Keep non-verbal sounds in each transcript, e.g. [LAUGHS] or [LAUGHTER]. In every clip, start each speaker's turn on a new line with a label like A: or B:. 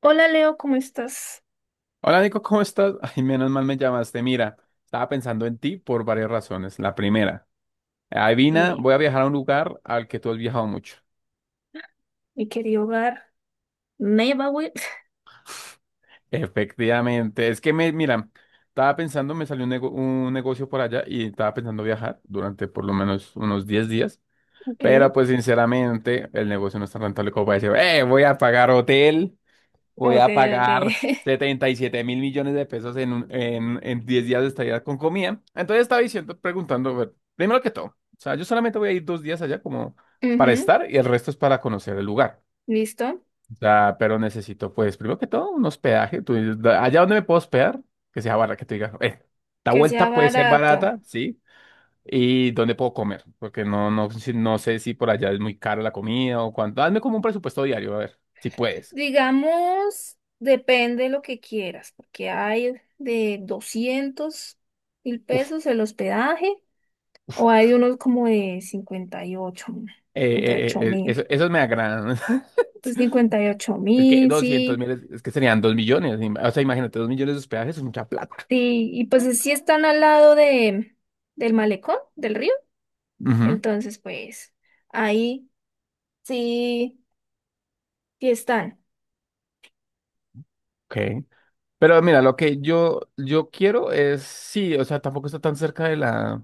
A: Hola Leo, ¿cómo estás?
B: Hola Nico, ¿cómo estás? [LAUGHS] Ay, menos mal me llamaste. Mira, estaba pensando en ti por varias razones. La primera, adivina,
A: Dime,
B: voy a viajar a un lugar al que tú has viajado mucho.
A: mi querido hogar. Neighborhood. [LAUGHS]
B: Efectivamente, es que mira, estaba pensando, me salió un negocio por allá y estaba pensando viajar durante por lo menos unos 10 días,
A: Ok,
B: pero pues sinceramente el negocio no está rentable como para decir, voy a pagar hotel. Voy
A: ok,
B: a
A: ok.
B: pagar 77 mil millones de pesos en 10 días de estadía con comida. Entonces estaba diciendo, preguntando, bueno, primero que todo, o sea, yo solamente voy a ir 2 días allá como
A: [LAUGHS]
B: para
A: Ujú.
B: estar y el resto es para conocer el lugar.
A: Listo.
B: O sea, pero necesito, pues, primero que todo, un hospedaje. Tú dices, Allá donde me puedo hospedar, que sea barra, que te diga, esta
A: Que sea
B: vuelta puede ser
A: barato.
B: barata, ¿sí? Y dónde puedo comer, porque no, no, no sé si por allá es muy cara la comida o cuánto. Hazme como un presupuesto diario, a ver, si puedes.
A: Digamos, depende de lo que quieras, porque hay de $200.000 el hospedaje o hay unos como de cincuenta y ocho mil.
B: Esos me agradan. [LAUGHS]
A: Pues cincuenta y ocho
B: Es que
A: mil,
B: doscientos
A: sí.
B: mil, es que serían 2 millones. O sea, imagínate, 2 millones de hospedajes es mucha plata.
A: Sí, y pues sí están al lado del malecón, del río.
B: Ujú,
A: Entonces, pues ahí sí, sí están.
B: ok. Pero mira, lo que yo quiero es, sí, o sea, tampoco está tan cerca de la...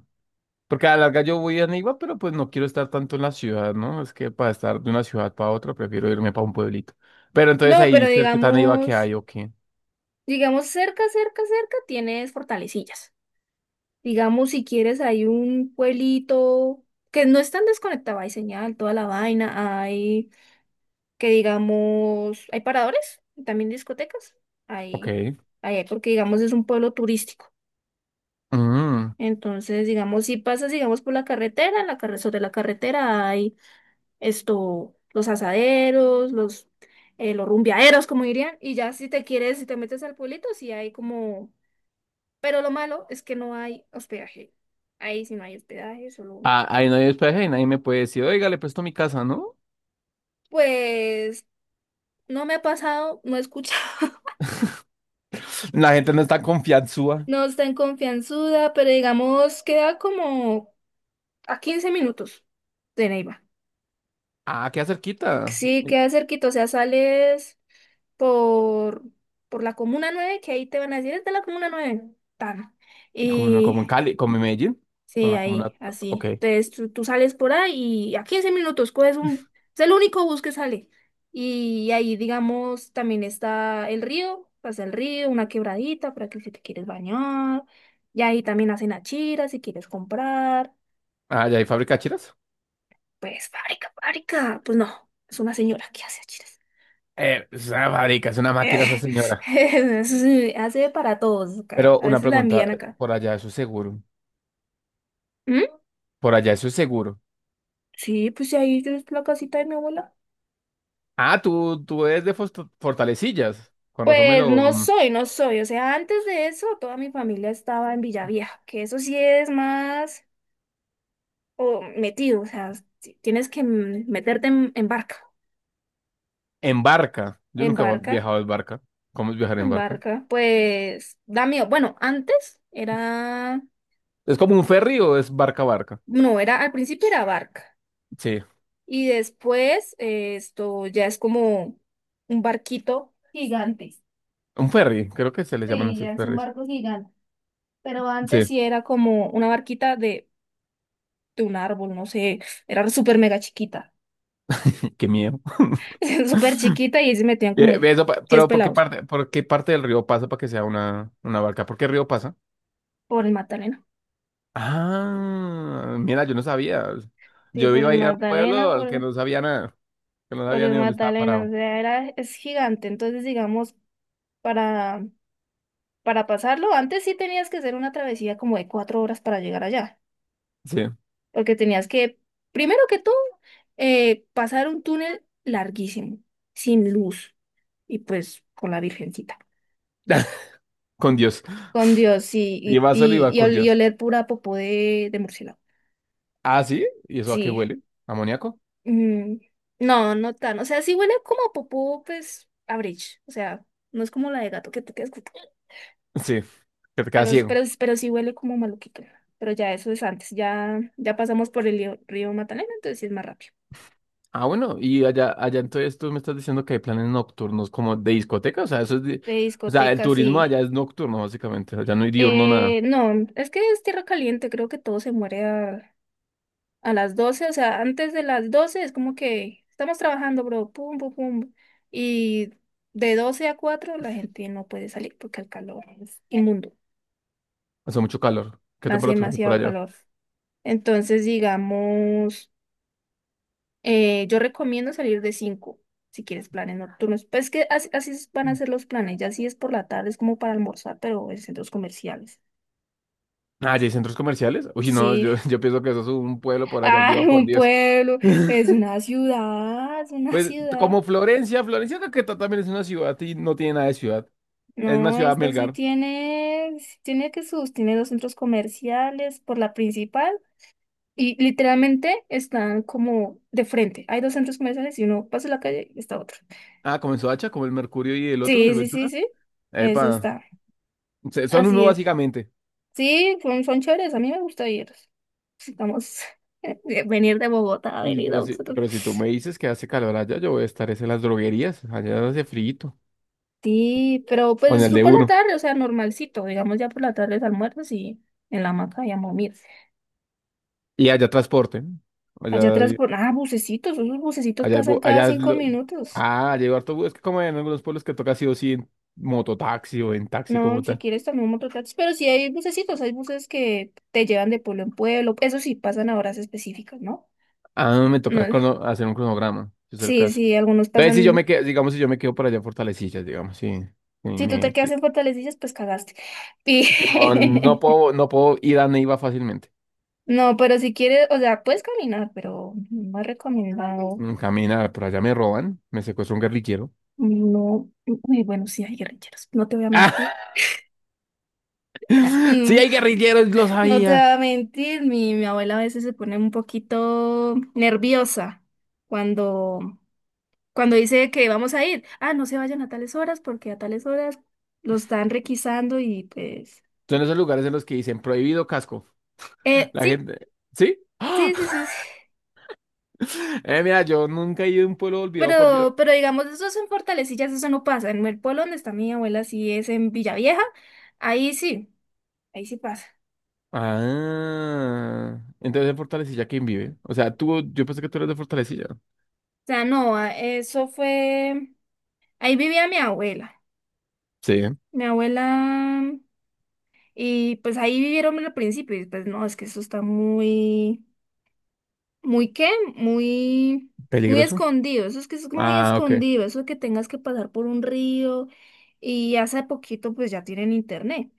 B: Porque a la larga yo voy a Neiva, pero pues no quiero estar tanto en la ciudad, ¿no? Es que para estar de una ciudad para otra, prefiero irme para un pueblito. Pero entonces
A: No, pero
B: ahí cerca de Neiva que
A: digamos,
B: hay, ok.
A: digamos cerca, cerca, cerca tienes Fortalecillas. Digamos, si quieres, hay un pueblito que no es tan desconectado, hay señal, toda la vaina, hay que digamos, hay paradores, también discotecas,
B: Ok.
A: hay, hay, porque digamos es un pueblo turístico.
B: Mm.
A: Entonces, digamos, si pasas, digamos, por la carretera, sobre la carretera hay esto, los asaderos, los rumbeaderos, como dirían, y ya si te quieres, si te metes al pueblito, sí hay como. Pero lo malo es que no hay hospedaje. Ahí sí no hay hospedaje, solo.
B: Ah, ahí no hay hospedaje y nadie me puede decir, oiga, le presto mi casa, ¿no?
A: Pues no me ha pasado, no he escuchado,
B: La gente no está
A: [LAUGHS]
B: confianzúa.
A: no está en confianzuda, pero digamos queda como a 15 minutos de Neiva.
B: Ah, queda cerquita.
A: Sí, queda cerquita, o sea, sales por, por la Comuna 9 que ahí te van a decir, es de la Comuna 9 tan.
B: Como, en-
A: Y
B: como en Cali, como en Medellín. Con
A: sí,
B: la comuna.
A: ahí,
B: Ok.
A: así. Entonces tú sales por ahí y a 15 minutos coges un. Es el único bus que sale. Y ahí, digamos, también está el río, pasa el río, una quebradita para que si te quieres bañar. Y ahí también hacen achiras si quieres comprar.
B: Ah, ¿ya hay fábrica de chiras?
A: Pues fábrica, fábrica. Pues no, es una señora que hace achiras.
B: Es una fábrica, es una máquina esa señora.
A: [LAUGHS] Sí, hace para todos acá.
B: Pero
A: A
B: una
A: veces la
B: pregunta,
A: envían acá.
B: por allá eso es seguro.
A: ¿Mm?
B: Por allá eso es seguro.
A: Sí, pues si ahí es la casita de mi abuela.
B: Ah, tú eres de Fortalecillas. Con razón me
A: Pues
B: lo,
A: no
B: mm,
A: soy, no soy. O sea, antes de eso, toda mi familia estaba en Villavieja, que eso sí es más o metido. O sea, si tienes que meterte en barca.
B: en barca. Yo
A: En
B: nunca he
A: barca,
B: viajado en barca. ¿Cómo es viajar en
A: en
B: barca?
A: barca. Pues da miedo. Bueno, antes era,
B: ¿Es como un ferry o es barca barca?
A: no, era, al principio era barca.
B: Sí.
A: Y después esto ya es como un barquito gigante.
B: Un ferry, creo que se les llaman
A: Sí,
B: así
A: ya es un
B: ferries.
A: barco gigante. Pero antes
B: Sí,
A: sí era como una barquita de un árbol, no sé, era súper mega chiquita,
B: [LAUGHS] qué miedo.
A: [LAUGHS] súper chiquita y ahí se metían
B: Eh,
A: como
B: eso pa-
A: 10
B: pero ¿por qué
A: pelados
B: parte, por qué parte del río pasa para que sea una barca? ¿Por qué río pasa?
A: por el Magdalena.
B: Ah, mira, yo no sabía.
A: Sí,
B: Yo
A: por
B: iba a
A: el
B: ir a un
A: Magdalena,
B: pueblo al
A: por
B: que
A: el,
B: no sabía nada, que no
A: por
B: sabía
A: el
B: ni dónde estaba
A: Magdalena, o
B: parado.
A: sea, era, es gigante, entonces digamos, para, para pasarlo, antes sí tenías que hacer una travesía como de 4 horas para llegar allá,
B: Sí,
A: porque tenías que, primero que todo, pasar un túnel larguísimo, sin luz, y pues con la Virgencita.
B: [LAUGHS] con Dios.
A: Con Dios, sí, y,
B: Iba solo,
A: y,
B: iba
A: y
B: con
A: ol- y
B: Dios.
A: oler pura popó de murciélago.
B: Ah, sí, ¿y eso a qué
A: Sí.
B: huele? ¿Amoníaco?
A: Mm, no, no tan. O sea, sí huele como a popó, pues, a bridge. O sea, no es como la de gato que te quedas.
B: Sí, que te queda
A: Pero, pero,
B: ciego.
A: pero sí huele como maluquito. Pero ya eso es antes. Ya pasamos por el río, río Magdalena, entonces sí es más rápido.
B: Ah, bueno, y allá entonces tú me estás diciendo que hay planes nocturnos como de discoteca, o sea, eso es
A: De
B: o sea, el
A: discoteca,
B: turismo
A: sí.
B: allá es nocturno, básicamente, allá no hay diurno nada,
A: No, es que es tierra caliente. Creo que todo se muere a las 12. O sea, antes de las 12 es como que estamos trabajando, bro. Pum, pum, pum. Y de 12 a 4 la gente no puede salir porque el calor es inmundo.
B: hace mucho calor. ¿Qué
A: Hace
B: temperatura hay por
A: demasiado
B: allá?
A: calor. Entonces, digamos, yo recomiendo salir de 5, si quieres planes nocturnos. Pues es que así, van a ser los planes, ya si es por la tarde, es como para almorzar, pero en centros comerciales.
B: Ah, ¿y hay centros comerciales? Uy, no,
A: Sí,
B: yo, [LAUGHS] yo pienso que eso es un pueblo
A: [LAUGHS]
B: por allá
A: ay,
B: olvidado por
A: un
B: Dios.
A: pueblo, es
B: [LAUGHS]
A: una ciudad, es una
B: Pues
A: ciudad.
B: como Florencia, Florencia creo que también es una ciudad y no tiene nada de ciudad. Es una
A: No,
B: ciudad
A: esta
B: Melgar.
A: sí tiene que sus, tiene dos centros comerciales por la principal y literalmente están como de frente. Hay dos centros comerciales y uno pasa la calle y está otro.
B: Ah, comenzó hacha como el Mercurio y el otro,
A: Sí,
B: el
A: sí, sí,
B: Ventura.
A: sí. Eso
B: Epa,
A: está.
B: son
A: Así
B: uno
A: es.
B: básicamente.
A: Sí, son chéveres. A mí me gusta ir. Estamos [LAUGHS] de venir de Bogotá a
B: Y,
A: venir a
B: pero, si,
A: nosotros.
B: pero si tú me dices que hace calor allá, yo voy a estar es en las droguerías. Allá hace frío.
A: Sí, pero
B: Con
A: pues
B: el
A: tú
B: de
A: por la
B: uno.
A: tarde, o sea, normalcito. Digamos ya por la tarde almuerzas y en la hamaca y a mira.
B: Y allá transporte, ¿no?
A: Allá
B: Allá
A: atrás, bucecitos. Esos bucecitos
B: Allá, es
A: pasan
B: bu-
A: cada
B: allá es
A: cinco
B: lo...
A: minutos.
B: Ah, llegó harto bus. Es que como en algunos pueblos que toca sí o sí en mototaxi o en taxi como
A: No, si
B: tal.
A: quieres también mototaxis, pero sí hay bucecitos. Hay buses que te llevan de pueblo en pueblo. Eso sí, pasan a horas específicas, ¿no?
B: Ah, me
A: No,
B: toca hacer un cronograma, si es el
A: sí,
B: caso.
A: sí, algunos
B: Entonces, si yo me
A: pasan.
B: quedo, digamos, si yo me quedo por allá en Fortalecillas, digamos, sí. Sí,
A: Si tú te quedas
B: sí.
A: en Fortalecillas, pues cagaste.
B: Que no, no
A: Y-
B: puedo,
A: [LAUGHS]
B: no puedo ir a Neiva fácilmente.
A: No, pero si quieres, o sea, puedes caminar, pero no es recomendado.
B: Camina, por allá me roban, me secuestra un guerrillero.
A: No, uy, bueno, sí hay guerrilleros, no te voy a mentir. [LAUGHS]
B: [LAUGHS] Sí,
A: Mm.
B: hay guerrilleros, lo
A: No te voy
B: sabía.
A: a mentir, mi abuela a veces se pone un poquito nerviosa cuando, cuando dice que vamos a ir. Ah, no se vayan a tales horas porque a tales horas los están requisando y pues.
B: Son esos lugares en los que dicen prohibido casco. La
A: Sí,
B: gente, ¿sí?
A: sí, sí,
B: [GASPS]
A: sí. Sí.
B: Mira, yo nunca he ido a un pueblo olvidado por Dios.
A: Pero digamos, eso es en Fortalecillas, eso no pasa. En el pueblo donde está mi abuela, sí es en Villavieja, ahí sí, ahí sí pasa.
B: Ah, entonces de Fortalecilla, ¿quién vive? O sea, tú, yo pensé que tú eres de Fortalecilla.
A: O sea, no, eso fue, ahí vivía mi abuela,
B: Sí,
A: mi abuela, y pues ahí vivieron al principio, y después no, es que eso está muy, muy qué, muy, muy
B: peligroso.
A: escondido, eso es que es muy
B: Ah, ok.
A: escondido, eso de que tengas que pasar por un río, y hace poquito pues ya tienen internet,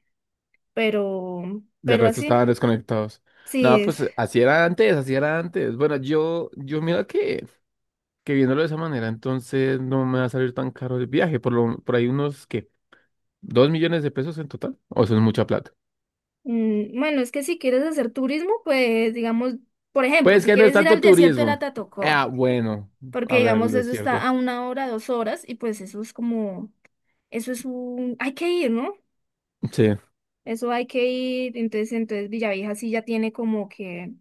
A: pero,
B: Del
A: pero
B: resto
A: así,
B: estaban desconectados.
A: sí
B: No,
A: es.
B: pues así era antes, así era antes. Bueno, yo mira que viéndolo de esa manera, entonces no me va a salir tan caro el viaje, por ahí unos, ¿qué? ¿2 millones de pesos en total? O eso es mucha plata.
A: Bueno, es que si quieres hacer turismo, pues digamos, por ejemplo,
B: Pues
A: si
B: que no es
A: quieres ir
B: tanto
A: al desierto de la
B: turismo. Ah,
A: Tatacoa, ¿no?
B: bueno,
A: Porque
B: a ver,
A: digamos
B: es
A: eso está a
B: cierto.
A: una hora, 2 horas, y pues eso es como, eso es un, hay que ir, ¿no?
B: Sí,
A: Eso hay que ir, entonces Villavieja sí ya tiene como que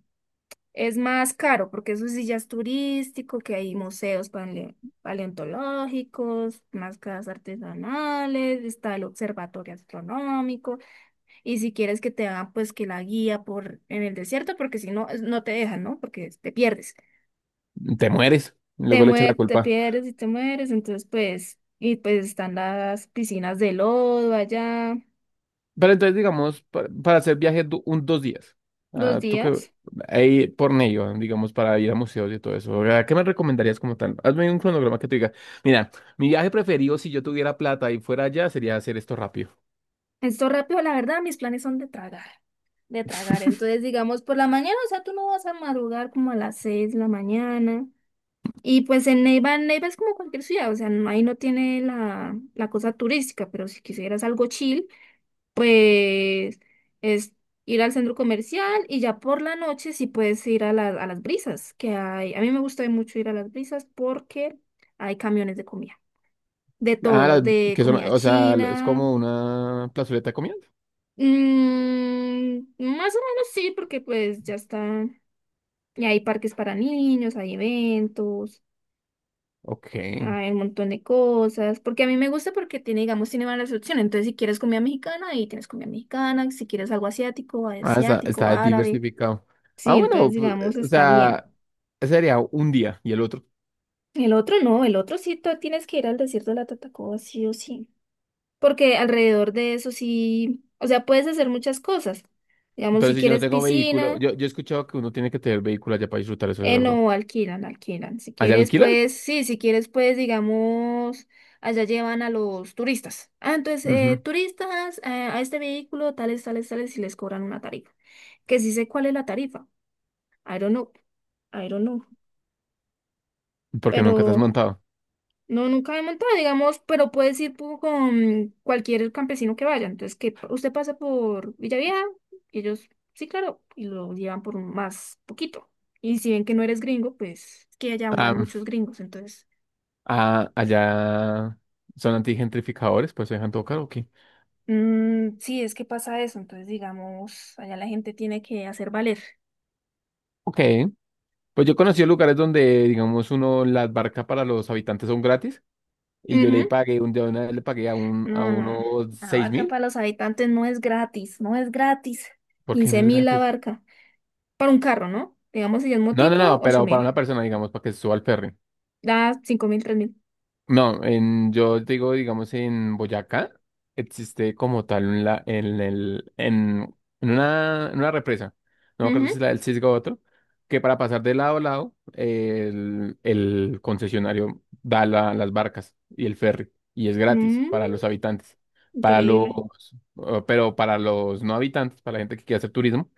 A: es más caro, porque eso sí ya es turístico, que hay museos paleontológicos, máscaras artesanales, está el observatorio astronómico. Y si quieres que te haga, pues que la guía por en el desierto, porque si no, no te dejan, ¿no? Porque te pierdes.
B: te mueres.
A: Te
B: Luego le echa la
A: mue- te
B: culpa.
A: pierdes y te mueres, entonces pues, y pues están las piscinas de lodo allá,
B: Pero entonces, digamos, para hacer viaje un 2 días,
A: dos
B: ah, tú que
A: días.
B: ahí por medio, digamos, para ir a museos y todo eso, ¿a ¿qué me recomendarías como tal? Hazme un cronograma que tú diga, mira, mi viaje preferido si yo tuviera plata y fuera allá sería hacer esto rápido.
A: Esto rápido, la verdad, mis planes son de tragar, de tragar.
B: [LAUGHS]
A: Entonces, digamos, por la mañana, o sea, tú no vas a madrugar como a las 6 de la mañana. Y pues en Neiva, es como cualquier ciudad, o sea, ahí no tiene la cosa turística, pero si quisieras algo chill. Pues es ir al centro comercial y ya por la noche sí puedes ir a las brisas, que hay, a mí me gusta mucho ir a las brisas porque hay camiones de comida, de
B: Ah,
A: todo, de
B: que son,
A: comida
B: o sea, es
A: china.
B: como una plazoleta de comida.
A: Más o menos sí, porque pues ya está, y hay parques para niños, hay eventos.
B: Ok.
A: Hay un montón de cosas, porque a mí me gusta porque tiene, digamos, tiene varias opciones. Entonces, si quieres comida mexicana, ahí tienes comida mexicana. Si quieres algo asiático,
B: Ah, está,
A: asiático,
B: está
A: árabe.
B: diversificado. Ah,
A: Sí,
B: bueno,
A: entonces
B: pues,
A: digamos
B: o
A: está bien.
B: sea, ese sería un día y el otro.
A: El otro no, el otro sí tú tienes que ir al desierto de la Tatacoa sí o sí, porque alrededor de eso sí, o sea, puedes hacer muchas cosas. Digamos,
B: Pero
A: si
B: si yo no
A: quieres
B: tengo vehículo,
A: piscina,
B: yo he escuchado que uno tiene que tener vehículo allá para disfrutar eso de verdad.
A: no, alquilan, alquilan. Si
B: ¿Allá
A: quieres,
B: alquilan?
A: pues, sí, si quieres, pues, digamos, allá llevan a los turistas. Ah, entonces,
B: Ujú.
A: turistas, a este vehículo, tales, tales, tales, y les cobran una tarifa. Que sí sé cuál es la tarifa. I don't know, I don't know,
B: Porque nunca te has
A: pero.
B: montado.
A: No, nunca me he montado, digamos, pero puedes ir con cualquier campesino que vaya. Entonces, que usted pasa por Villavieja, y ellos, sí, claro, y lo llevan por un más poquito. Y si ven que no eres gringo, pues es que allá van muchos
B: Ah,
A: gringos. Entonces,
B: ah, allá son antigentrificadores, pues se dejan todo caro, ok.
A: sí, es que pasa eso. Entonces, digamos, allá la gente tiene que hacer valer.
B: Ok. Pues yo conocí lugares donde, digamos, uno, las barcas para los habitantes son gratis. Y yo le
A: Ujú.
B: pagué, de una vez le pagué a, a
A: No,
B: uno
A: no. La
B: seis
A: barca
B: mil.
A: para los habitantes no es gratis, no es gratis.
B: ¿Por qué no
A: quince
B: es
A: mil la
B: gratis?
A: barca. Para un carro, ¿no? Digamos, si es
B: No, no,
A: motico,
B: no,
A: ocho
B: pero para
A: mil.
B: una persona, digamos, para que se suba al ferry.
A: Da 5 mil.
B: No, yo digo, digamos, en Boyacá existe como tal un la- en, el, en una represa, no me acuerdo
A: Ujú.
B: si es la del Cisgo o otro, que para pasar de lado a lado el concesionario da las barcas y el ferry y es gratis
A: Mm,
B: para los habitantes. Para los,
A: increíble.
B: pero para los no habitantes, para la gente que quiere hacer turismo,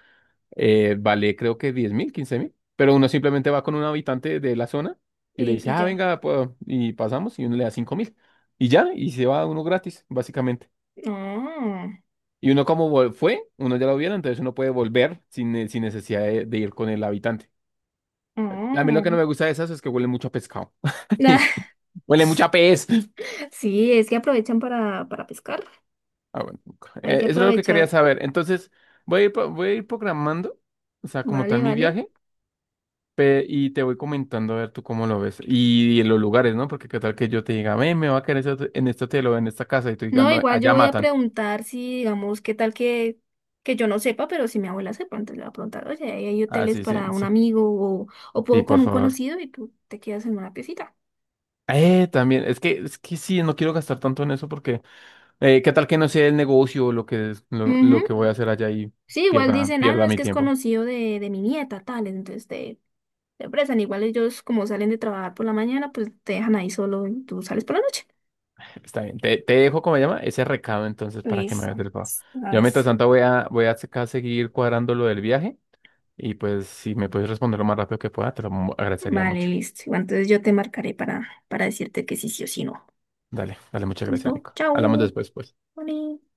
B: vale creo que 10.000, 15.000, pero uno simplemente va con un habitante de la zona y le
A: Y,
B: dice,
A: y
B: ah,
A: ya.
B: venga, y pasamos y uno le da 5.000 y ya, y se va uno gratis, básicamente.
A: Ah,
B: Y uno como fue, uno ya lo vieron, entonces uno puede volver sin necesidad de ir con el habitante. A mí lo que
A: ah.
B: no me gusta de esas es que huele mucho a pescado.
A: Nah,
B: [LAUGHS] Huele mucho a pez.
A: [LAUGHS] sí, es que aprovechan para pescar.
B: Ah, bueno.
A: Hay que
B: Eso es lo que quería
A: aprovechar.
B: saber. Entonces, voy a ir programando, o sea, como
A: Vale,
B: tal mi
A: vale.
B: viaje. Y te voy comentando a ver tú cómo lo ves. Y, en los lugares, ¿no? Porque qué tal que yo te diga, "Ve, me va a quedar ese en este hotel o en esta casa y tú digas,
A: No,
B: no,
A: igual yo
B: allá
A: voy a
B: matan.
A: preguntar si, digamos, qué tal que, yo no sepa, pero si mi abuela sepa, entonces le voy a preguntar, oye, ¿hay
B: Ah,
A: hoteles
B: sí, sí,
A: para un
B: sí,
A: amigo o, o
B: sí,
A: puedo con
B: por
A: un
B: favor.
A: conocido y tú te quedas en una piecita?
B: También, es que sí, no quiero gastar tanto en eso porque, qué tal que no sea el negocio o lo que, es- lo, lo
A: Ujú.
B: que voy a hacer allá y
A: Sí, igual
B: pierda,
A: dicen, ah, no,
B: pierda
A: es
B: mi
A: que es
B: tiempo.
A: conocido de mi nieta, tal, entonces te, la empresa. Igual ellos como salen de trabajar por la mañana, pues te dejan ahí solo y tú sales por la noche.
B: Está bien, te dejo, ¿cómo se llama? Ese recado entonces para que me
A: Listo.
B: hagas el favor.
A: Una
B: Yo
A: vez.
B: mientras tanto voy a acá seguir cuadrando lo del viaje y pues si me puedes responder lo más rápido que pueda, te lo agradecería
A: Vale,
B: mucho.
A: listo. Igual, entonces yo te marcaré para decirte que sí, sí o sí no.
B: Dale, dale, muchas gracias,
A: ¿Listo?
B: Nico. Hablamos
A: Chao.
B: después, pues.
A: Vale.